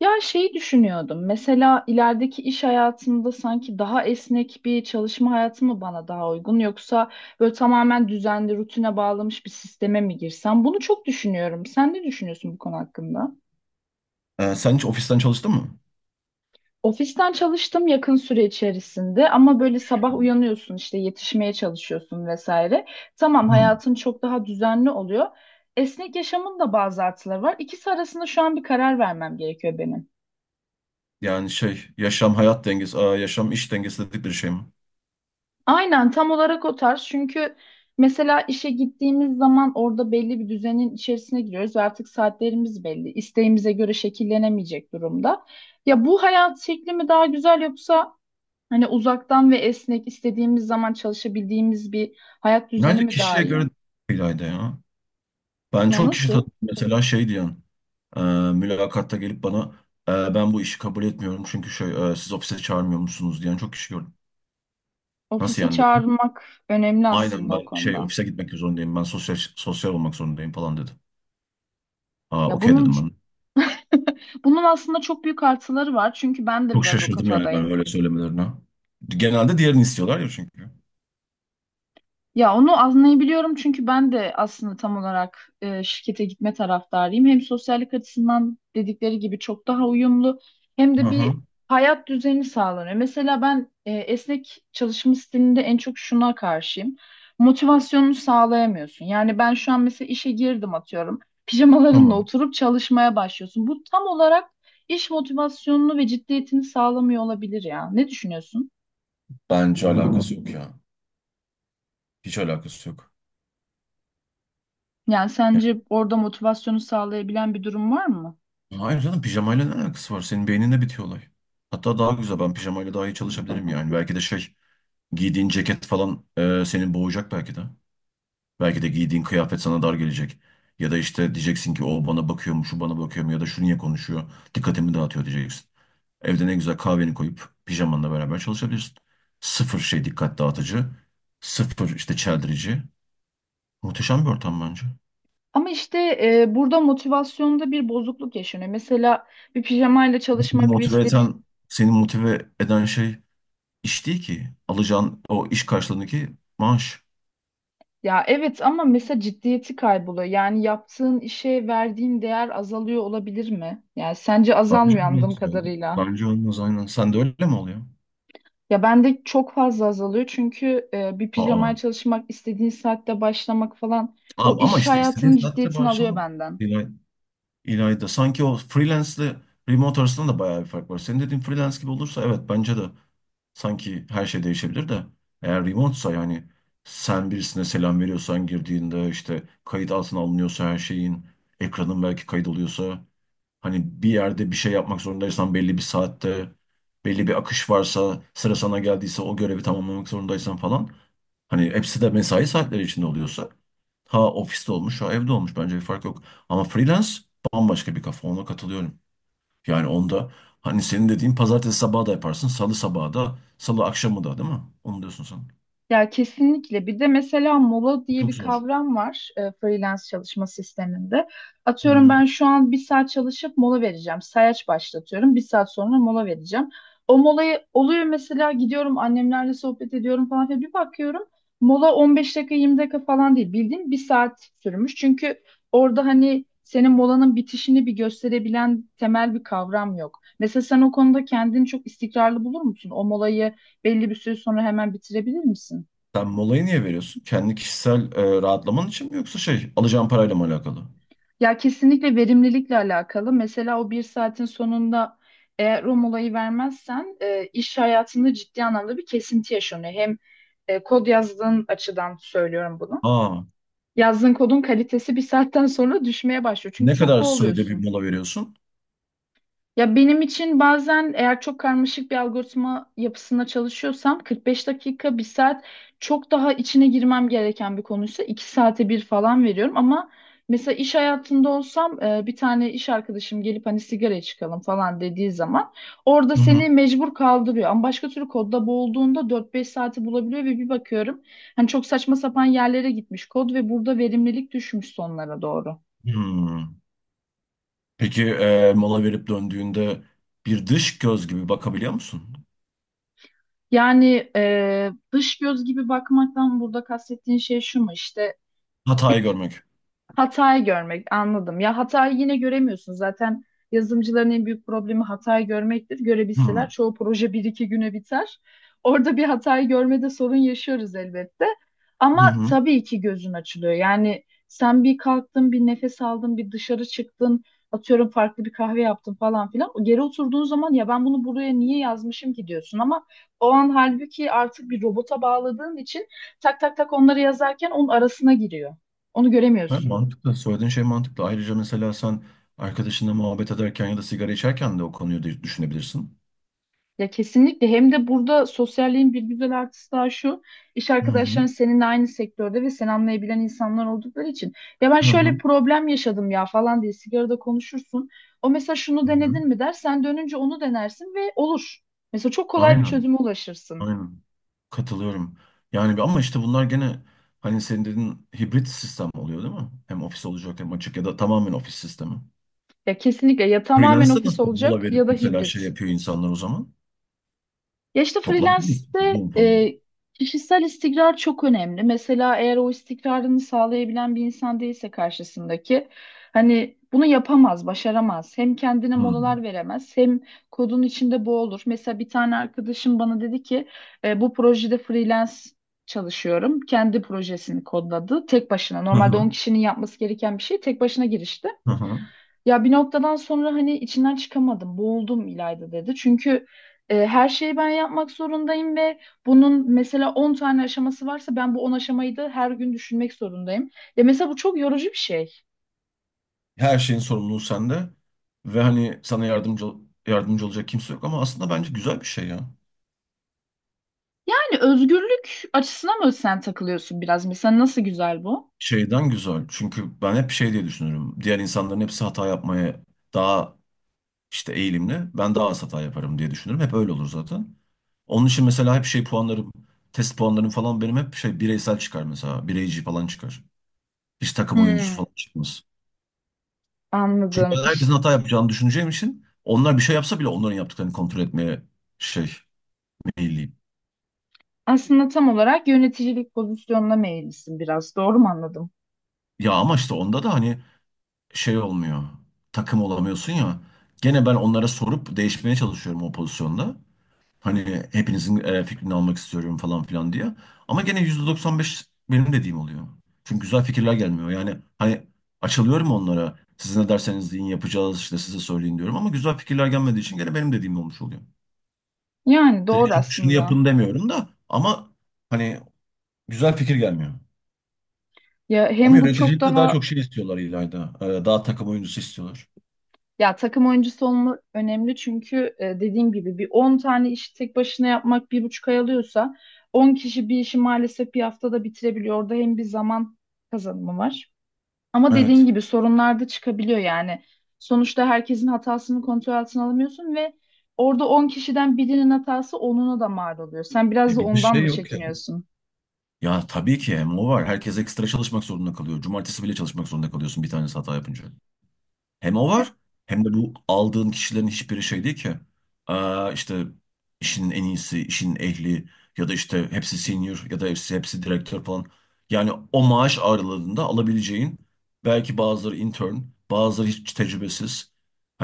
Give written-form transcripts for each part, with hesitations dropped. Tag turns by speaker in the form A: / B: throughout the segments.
A: Ya şeyi düşünüyordum. Mesela ilerideki iş hayatımda sanki daha esnek bir çalışma hayatı mı bana daha uygun yoksa böyle tamamen düzenli rutine bağlamış bir sisteme mi girsem? Bunu çok düşünüyorum. Sen ne düşünüyorsun bu konu hakkında?
B: Sen hiç ofisten çalıştın mı?
A: Ofisten çalıştım yakın süre içerisinde ama böyle sabah uyanıyorsun işte yetişmeye çalışıyorsun vesaire. Tamam
B: Hmm.
A: hayatın çok daha düzenli oluyor. Esnek yaşamın da bazı artıları var. İkisi arasında şu an bir karar vermem gerekiyor benim.
B: Yani şey, yaşam iş dengesi dedikleri şey mi?
A: Aynen tam olarak o tarz. Çünkü mesela işe gittiğimiz zaman orada belli bir düzenin içerisine giriyoruz ve artık saatlerimiz belli. İsteğimize göre şekillenemeyecek durumda. Ya bu hayat şekli mi daha güzel yoksa hani uzaktan ve esnek istediğimiz zaman çalışabildiğimiz bir hayat düzeni
B: Bence
A: mi daha
B: kişiye
A: iyi?
B: göre değil Ayda ya. Ben
A: Ya
B: çok kişi
A: nasıl?
B: tanıdım mesela şey diyen, e, mülakatta gelip bana ben bu işi kabul etmiyorum çünkü şey, siz ofise çağırmıyor musunuz diyen çok kişi gördüm. Nasıl
A: Ofise
B: yani dedim.
A: çağrılmak önemli
B: Aynen
A: aslında o
B: ben şey
A: konuda.
B: ofise gitmek zorundayım, ben sosyal sosyal olmak zorundayım falan dedi. Aa,
A: Ya
B: okey
A: bunun
B: dedim ben.
A: bunun aslında çok büyük artıları var. Çünkü ben de
B: Çok
A: biraz o
B: şaşırdım yani ben
A: kafadayım.
B: öyle söylemelerine. Genelde diğerini istiyorlar ya çünkü.
A: Ya onu anlayabiliyorum çünkü ben de aslında tam olarak şirkete gitme taraftarıyım. Hem sosyallik açısından dedikleri gibi çok daha uyumlu hem de
B: Aha,
A: bir hayat düzeni sağlanıyor. Mesela ben esnek çalışma stilinde en çok şuna karşıyım. Motivasyonunu sağlayamıyorsun. Yani ben şu an mesela işe girdim atıyorum. Pijamalarınla
B: tamam.
A: oturup çalışmaya başlıyorsun. Bu tam olarak iş motivasyonunu ve ciddiyetini sağlamıyor olabilir ya. Ne düşünüyorsun?
B: Bence alakası yok ya. Hiç alakası yok.
A: Yani
B: Yani,
A: sence orada motivasyonu sağlayabilen bir durum var mı?
B: hayır canım pijamayla ne alakası var? Senin beyninde bitiyor olay. Hatta daha güzel ben pijamayla daha iyi çalışabilirim yani. Belki de şey giydiğin ceket falan senin boğacak belki de. Belki de giydiğin kıyafet sana dar gelecek. Ya da işte diyeceksin ki o bana bakıyor mu, şu bana bakıyor mu ya da şu niye konuşuyor, dikkatimi dağıtıyor diyeceksin. Evde ne güzel kahveni koyup pijamanla beraber çalışabilirsin. Sıfır şey dikkat dağıtıcı, sıfır işte çeldirici. Muhteşem bir ortam bence.
A: Ama işte burada motivasyonda bir bozukluk yaşanıyor. Mesela bir pijamayla
B: Seni
A: çalışmak ve
B: motive
A: istediğin
B: eden, seni motive eden şey iş değil ki. Alacağın o iş karşılığındaki maaş.
A: ya evet ama mesela ciddiyeti kayboluyor. Yani yaptığın işe verdiğin değer azalıyor olabilir mi? Yani sence
B: Bence
A: azalmıyor anladığım
B: olmaz yani.
A: kadarıyla.
B: Bence olmaz aynen. Sen de öyle mi oluyor?
A: Ya bende çok fazla azalıyor çünkü bir pijamaya
B: Aa.
A: çalışmak, istediğin saatte başlamak falan o
B: Abi, ama
A: iş
B: işte istediğin
A: hayatının
B: saatte
A: ciddiyetini alıyor
B: başlamak
A: benden.
B: İlay, İlayda. Sanki o freelance ile remote arasında da bayağı bir fark var. Senin dediğin freelance gibi olursa evet bence de sanki her şey değişebilir de eğer remote'sa yani sen birisine selam veriyorsan girdiğinde işte kayıt altına alınıyorsa her şeyin ekranın belki kaydoluyorsa hani bir yerde bir şey yapmak zorundaysan belli bir saatte, belli bir akış varsa, sıra sana geldiyse o görevi tamamlamak zorundaysan falan. Hani hepsi de mesai saatleri içinde oluyorsa. Ha ofiste olmuş, ha evde olmuş bence bir fark yok. Ama freelance bambaşka bir kafa, ona katılıyorum. Yani onda hani senin dediğin pazartesi sabahı da yaparsın, salı sabahı da, salı akşamı da değil mi? Onu diyorsun sen.
A: Ya kesinlikle. Bir de mesela mola diye
B: Çok
A: bir
B: zor.
A: kavram var freelance çalışma sisteminde.
B: Hı
A: Atıyorum
B: hı.
A: ben şu an bir saat çalışıp mola vereceğim. Sayaç başlatıyorum. Bir saat sonra mola vereceğim. O molayı oluyor mesela gidiyorum annemlerle sohbet ediyorum falan filan. Bir bakıyorum mola 15 dakika 20 dakika falan değil. Bildiğin bir saat sürmüş. Çünkü orada hani senin molanın bitişini bir gösterebilen temel bir kavram yok. Mesela sen o konuda kendini çok istikrarlı bulur musun? O molayı belli bir süre sonra hemen bitirebilir misin?
B: Sen molayı niye veriyorsun? Kendi kişisel rahatlaman için mi yoksa şey alacağın parayla mı alakalı?
A: Ya kesinlikle verimlilikle alakalı. Mesela o bir saatin sonunda eğer o molayı vermezsen iş hayatında ciddi anlamda bir kesinti yaşanıyor. Hem kod yazdığın açıdan söylüyorum bunu.
B: Aa.
A: Yazdığın kodun kalitesi bir saatten sonra düşmeye başlıyor. Çünkü
B: Ne
A: çok
B: kadar sürede bir
A: boğuluyorsun.
B: mola veriyorsun?
A: Ya benim için bazen eğer çok karmaşık bir algoritma yapısında çalışıyorsam 45 dakika, bir saat çok daha içine girmem gereken bir konuysa 2 saate bir falan veriyorum. Ama mesela iş hayatında olsam bir tane iş arkadaşım gelip hani sigaraya çıkalım falan dediği zaman orada
B: Hı hı.
A: seni mecbur kaldırıyor. Ama başka türlü kodda boğulduğunda 4-5 saati bulabiliyor ve bir bakıyorum hani çok saçma sapan yerlere gitmiş kod ve burada verimlilik düşmüş sonlara doğru.
B: Hmm. Peki mola verip döndüğünde bir dış göz gibi bakabiliyor musun?
A: Yani dış göz gibi bakmaktan burada kastettiğin şey şu mu? İşte.
B: Hatayı görmek.
A: Hatayı görmek, anladım. Ya hatayı yine göremiyorsun. Zaten yazılımcıların en büyük problemi hatayı görmektir. Görebilseler
B: Hmm.
A: çoğu proje bir iki güne biter. Orada bir hatayı görmede sorun yaşıyoruz elbette.
B: Hı
A: Ama
B: hı.
A: tabii ki gözün açılıyor. Yani sen bir kalktın, bir nefes aldın, bir dışarı çıktın, atıyorum farklı bir kahve yaptın falan filan. O Geri oturduğun zaman ya ben bunu buraya niye yazmışım ki diyorsun ama o an halbuki artık bir robota bağladığın için tak tak tak onları yazarken onun arasına giriyor. Onu
B: Evet,
A: göremiyorsun.
B: mantıklı. Söylediğin şey mantıklı. Ayrıca mesela sen arkadaşınla muhabbet ederken ya da sigara içerken de o konuyu da düşünebilirsin.
A: Ya kesinlikle hem de burada sosyalliğin bir güzel artısı daha şu iş
B: Hı hı.
A: arkadaşların seninle aynı sektörde ve seni anlayabilen insanlar oldukları için ya ben
B: Hı
A: şöyle bir
B: hı.
A: problem yaşadım ya falan diye sigarada konuşursun. O mesela şunu
B: Hı hı.
A: denedin mi der sen dönünce onu denersin ve olur. Mesela çok kolay bir
B: Aynen.
A: çözüme ulaşırsın.
B: Aynen. Katılıyorum. Yani bir ama işte bunlar gene hani senin dediğin hibrit sistem oluyor değil mi? Hem ofis olacak hem açık ya da tamamen ofis sistemi.
A: Ya kesinlikle ya tamamen
B: Freelance'de
A: ofis
B: nasıl mola
A: olacak
B: verip
A: ya da
B: mesela şey
A: hibrit.
B: yapıyor insanlar o zaman?
A: Ya işte
B: Toplantı mı istiyor?
A: freelance'de
B: Zoom falan.
A: kişisel istikrar çok önemli. Mesela eğer o istikrarını sağlayabilen bir insan değilse karşısındaki hani bunu yapamaz, başaramaz. Hem kendine
B: Hmm.
A: molalar veremez hem kodun içinde boğulur. Mesela bir tane arkadaşım bana dedi ki bu projede freelance çalışıyorum. Kendi projesini kodladı tek başına.
B: Hı
A: Normalde
B: hı.
A: 10 kişinin yapması gereken bir şey tek başına girişti.
B: Hı hı.
A: Ya bir noktadan sonra hani içinden çıkamadım, boğuldum İlayda dedi. Çünkü her şeyi ben yapmak zorundayım ve bunun mesela 10 tane aşaması varsa ben bu 10 aşamayı da her gün düşünmek zorundayım. Ya mesela bu çok yorucu bir şey.
B: Her şeyin sorumluluğu sende ve hani sana yardımcı olacak kimse yok ama aslında bence güzel bir şey ya.
A: Yani özgürlük açısına mı sen takılıyorsun biraz? Mesela nasıl güzel bu?
B: Şeyden güzel. Çünkü ben hep şey diye düşünürüm. Diğer insanların hepsi hata yapmaya daha işte eğilimli. Ben daha az hata yaparım diye düşünürüm. Hep öyle olur zaten. Onun için mesela hep şey puanlarım, test puanlarım falan benim hep şey bireysel çıkar mesela. Bireyci falan çıkar. Hiç takım oyuncusu
A: Hmm,
B: falan çıkmaz. Çünkü
A: anladım.
B: ben
A: İşte
B: herkesin hata yapacağını düşüneceğim için onlar bir şey yapsa bile onların yaptıklarını kontrol etmeye şey meyilliyim.
A: aslında tam olarak yöneticilik pozisyonuna meyillisin biraz. Doğru mu anladım?
B: Ya ama işte onda da hani şey olmuyor. Takım olamıyorsun ya. Gene ben onlara sorup değişmeye çalışıyorum o pozisyonda. Hani hepinizin fikrini almak istiyorum falan filan diye. Ama gene %95 benim dediğim oluyor. Çünkü güzel fikirler gelmiyor. Yani hani açılıyorum onlara. Siz ne derseniz deyin yapacağız işte size söyleyin diyorum. Ama güzel fikirler gelmediği için gene benim dediğim olmuş oluyor.
A: Yani doğru
B: Direkt şunu, şunu
A: aslında.
B: yapın demiyorum da ama hani güzel fikir gelmiyor.
A: Ya
B: Ama
A: hem bu çok
B: yöneticilikte daha
A: daha
B: çok şey istiyorlar İlayda. Daha takım oyuncusu istiyorlar.
A: Ya takım oyuncusu olma önemli çünkü dediğim gibi bir 10 tane işi tek başına yapmak bir buçuk ay alıyorsa 10 kişi bir işi maalesef bir haftada bitirebiliyor. Orada hem bir zaman kazanımı var. Ama dediğin
B: Evet.
A: gibi sorunlar da çıkabiliyor yani. Sonuçta herkesin hatasını kontrol altına alamıyorsun ve orada 10 kişiden birinin hatası onuna da mal oluyor. Sen biraz
B: E
A: da
B: bir de
A: ondan
B: şey
A: mı
B: yok ya.
A: çekiniyorsun?
B: Ya tabii ki hem o var. Herkes ekstra çalışmak zorunda kalıyor. Cumartesi bile çalışmak zorunda kalıyorsun bir tanesi hata yapınca. Hem o var hem de bu aldığın kişilerin hiçbiri şey değil ki. Aa, işte işin en iyisi, işin ehli ya da işte hepsi senior ya da hepsi direktör falan. Yani o maaş aralığında alabileceğin belki bazıları intern, bazıları hiç tecrübesiz.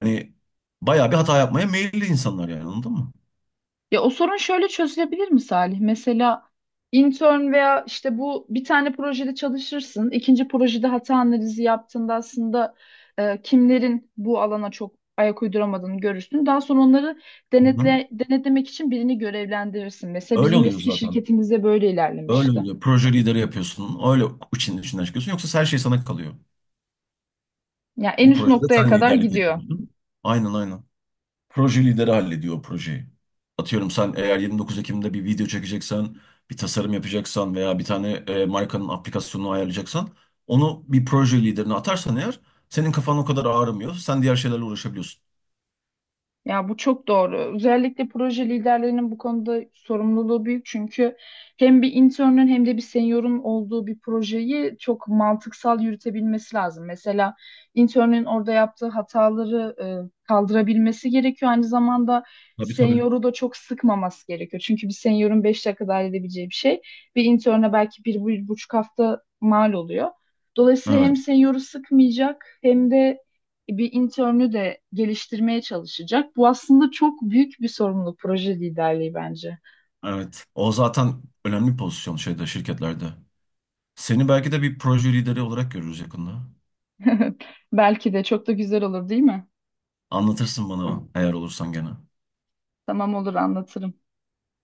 B: Hani bayağı bir hata yapmaya meyilli insanlar yani anladın mı?
A: Ya o sorun şöyle çözülebilir mi Salih? Mesela intern veya işte bu bir tane projede çalışırsın. İkinci projede hata analizi yaptığında aslında kimlerin bu alana çok ayak uyduramadığını görürsün. Daha sonra onları
B: Hı.
A: denetlemek için birini görevlendirirsin. Mesela
B: Öyle
A: bizim
B: oluyor
A: eski
B: zaten.
A: şirketimizde böyle
B: Öyle
A: ilerlemişti.
B: oluyor. Proje lideri yapıyorsun. Öyle içinden çıkıyorsun. Yoksa her şey sana kalıyor.
A: Ya en
B: Bu
A: üst
B: projede
A: noktaya
B: sen
A: kadar
B: liderlik
A: gidiyor.
B: ediyorsun. Aynen, aynen. Proje lideri hallediyor o projeyi. Atıyorum sen eğer 29 Ekim'de bir video çekeceksen, bir tasarım yapacaksan veya bir tane markanın aplikasyonunu ayarlayacaksan onu bir proje liderine atarsan eğer senin kafan o kadar ağrımıyor. Sen diğer şeylerle uğraşabiliyorsun.
A: Ya bu çok doğru. Özellikle proje liderlerinin bu konuda sorumluluğu büyük çünkü hem bir internün hem de bir seniorun olduğu bir projeyi çok mantıksal yürütebilmesi lazım. Mesela internün orada yaptığı hataları kaldırabilmesi gerekiyor. Aynı zamanda
B: Tabii, tabii.
A: senioru da çok sıkmaması gerekiyor. Çünkü bir seniorun 5 dakikada halledebileceği bir şey bir interne belki bir, bir buçuk hafta mal oluyor. Dolayısıyla hem
B: Evet,
A: senioru sıkmayacak hem de bir internü de geliştirmeye çalışacak. Bu aslında çok büyük bir sorumluluk proje liderliği bence.
B: evet. O zaten önemli bir pozisyon şeyde şirketlerde. Seni belki de bir proje lideri olarak görürüz yakında.
A: Belki de çok da güzel olur değil mi?
B: Anlatırsın bana eğer olursan gene.
A: Tamam olur anlatırım.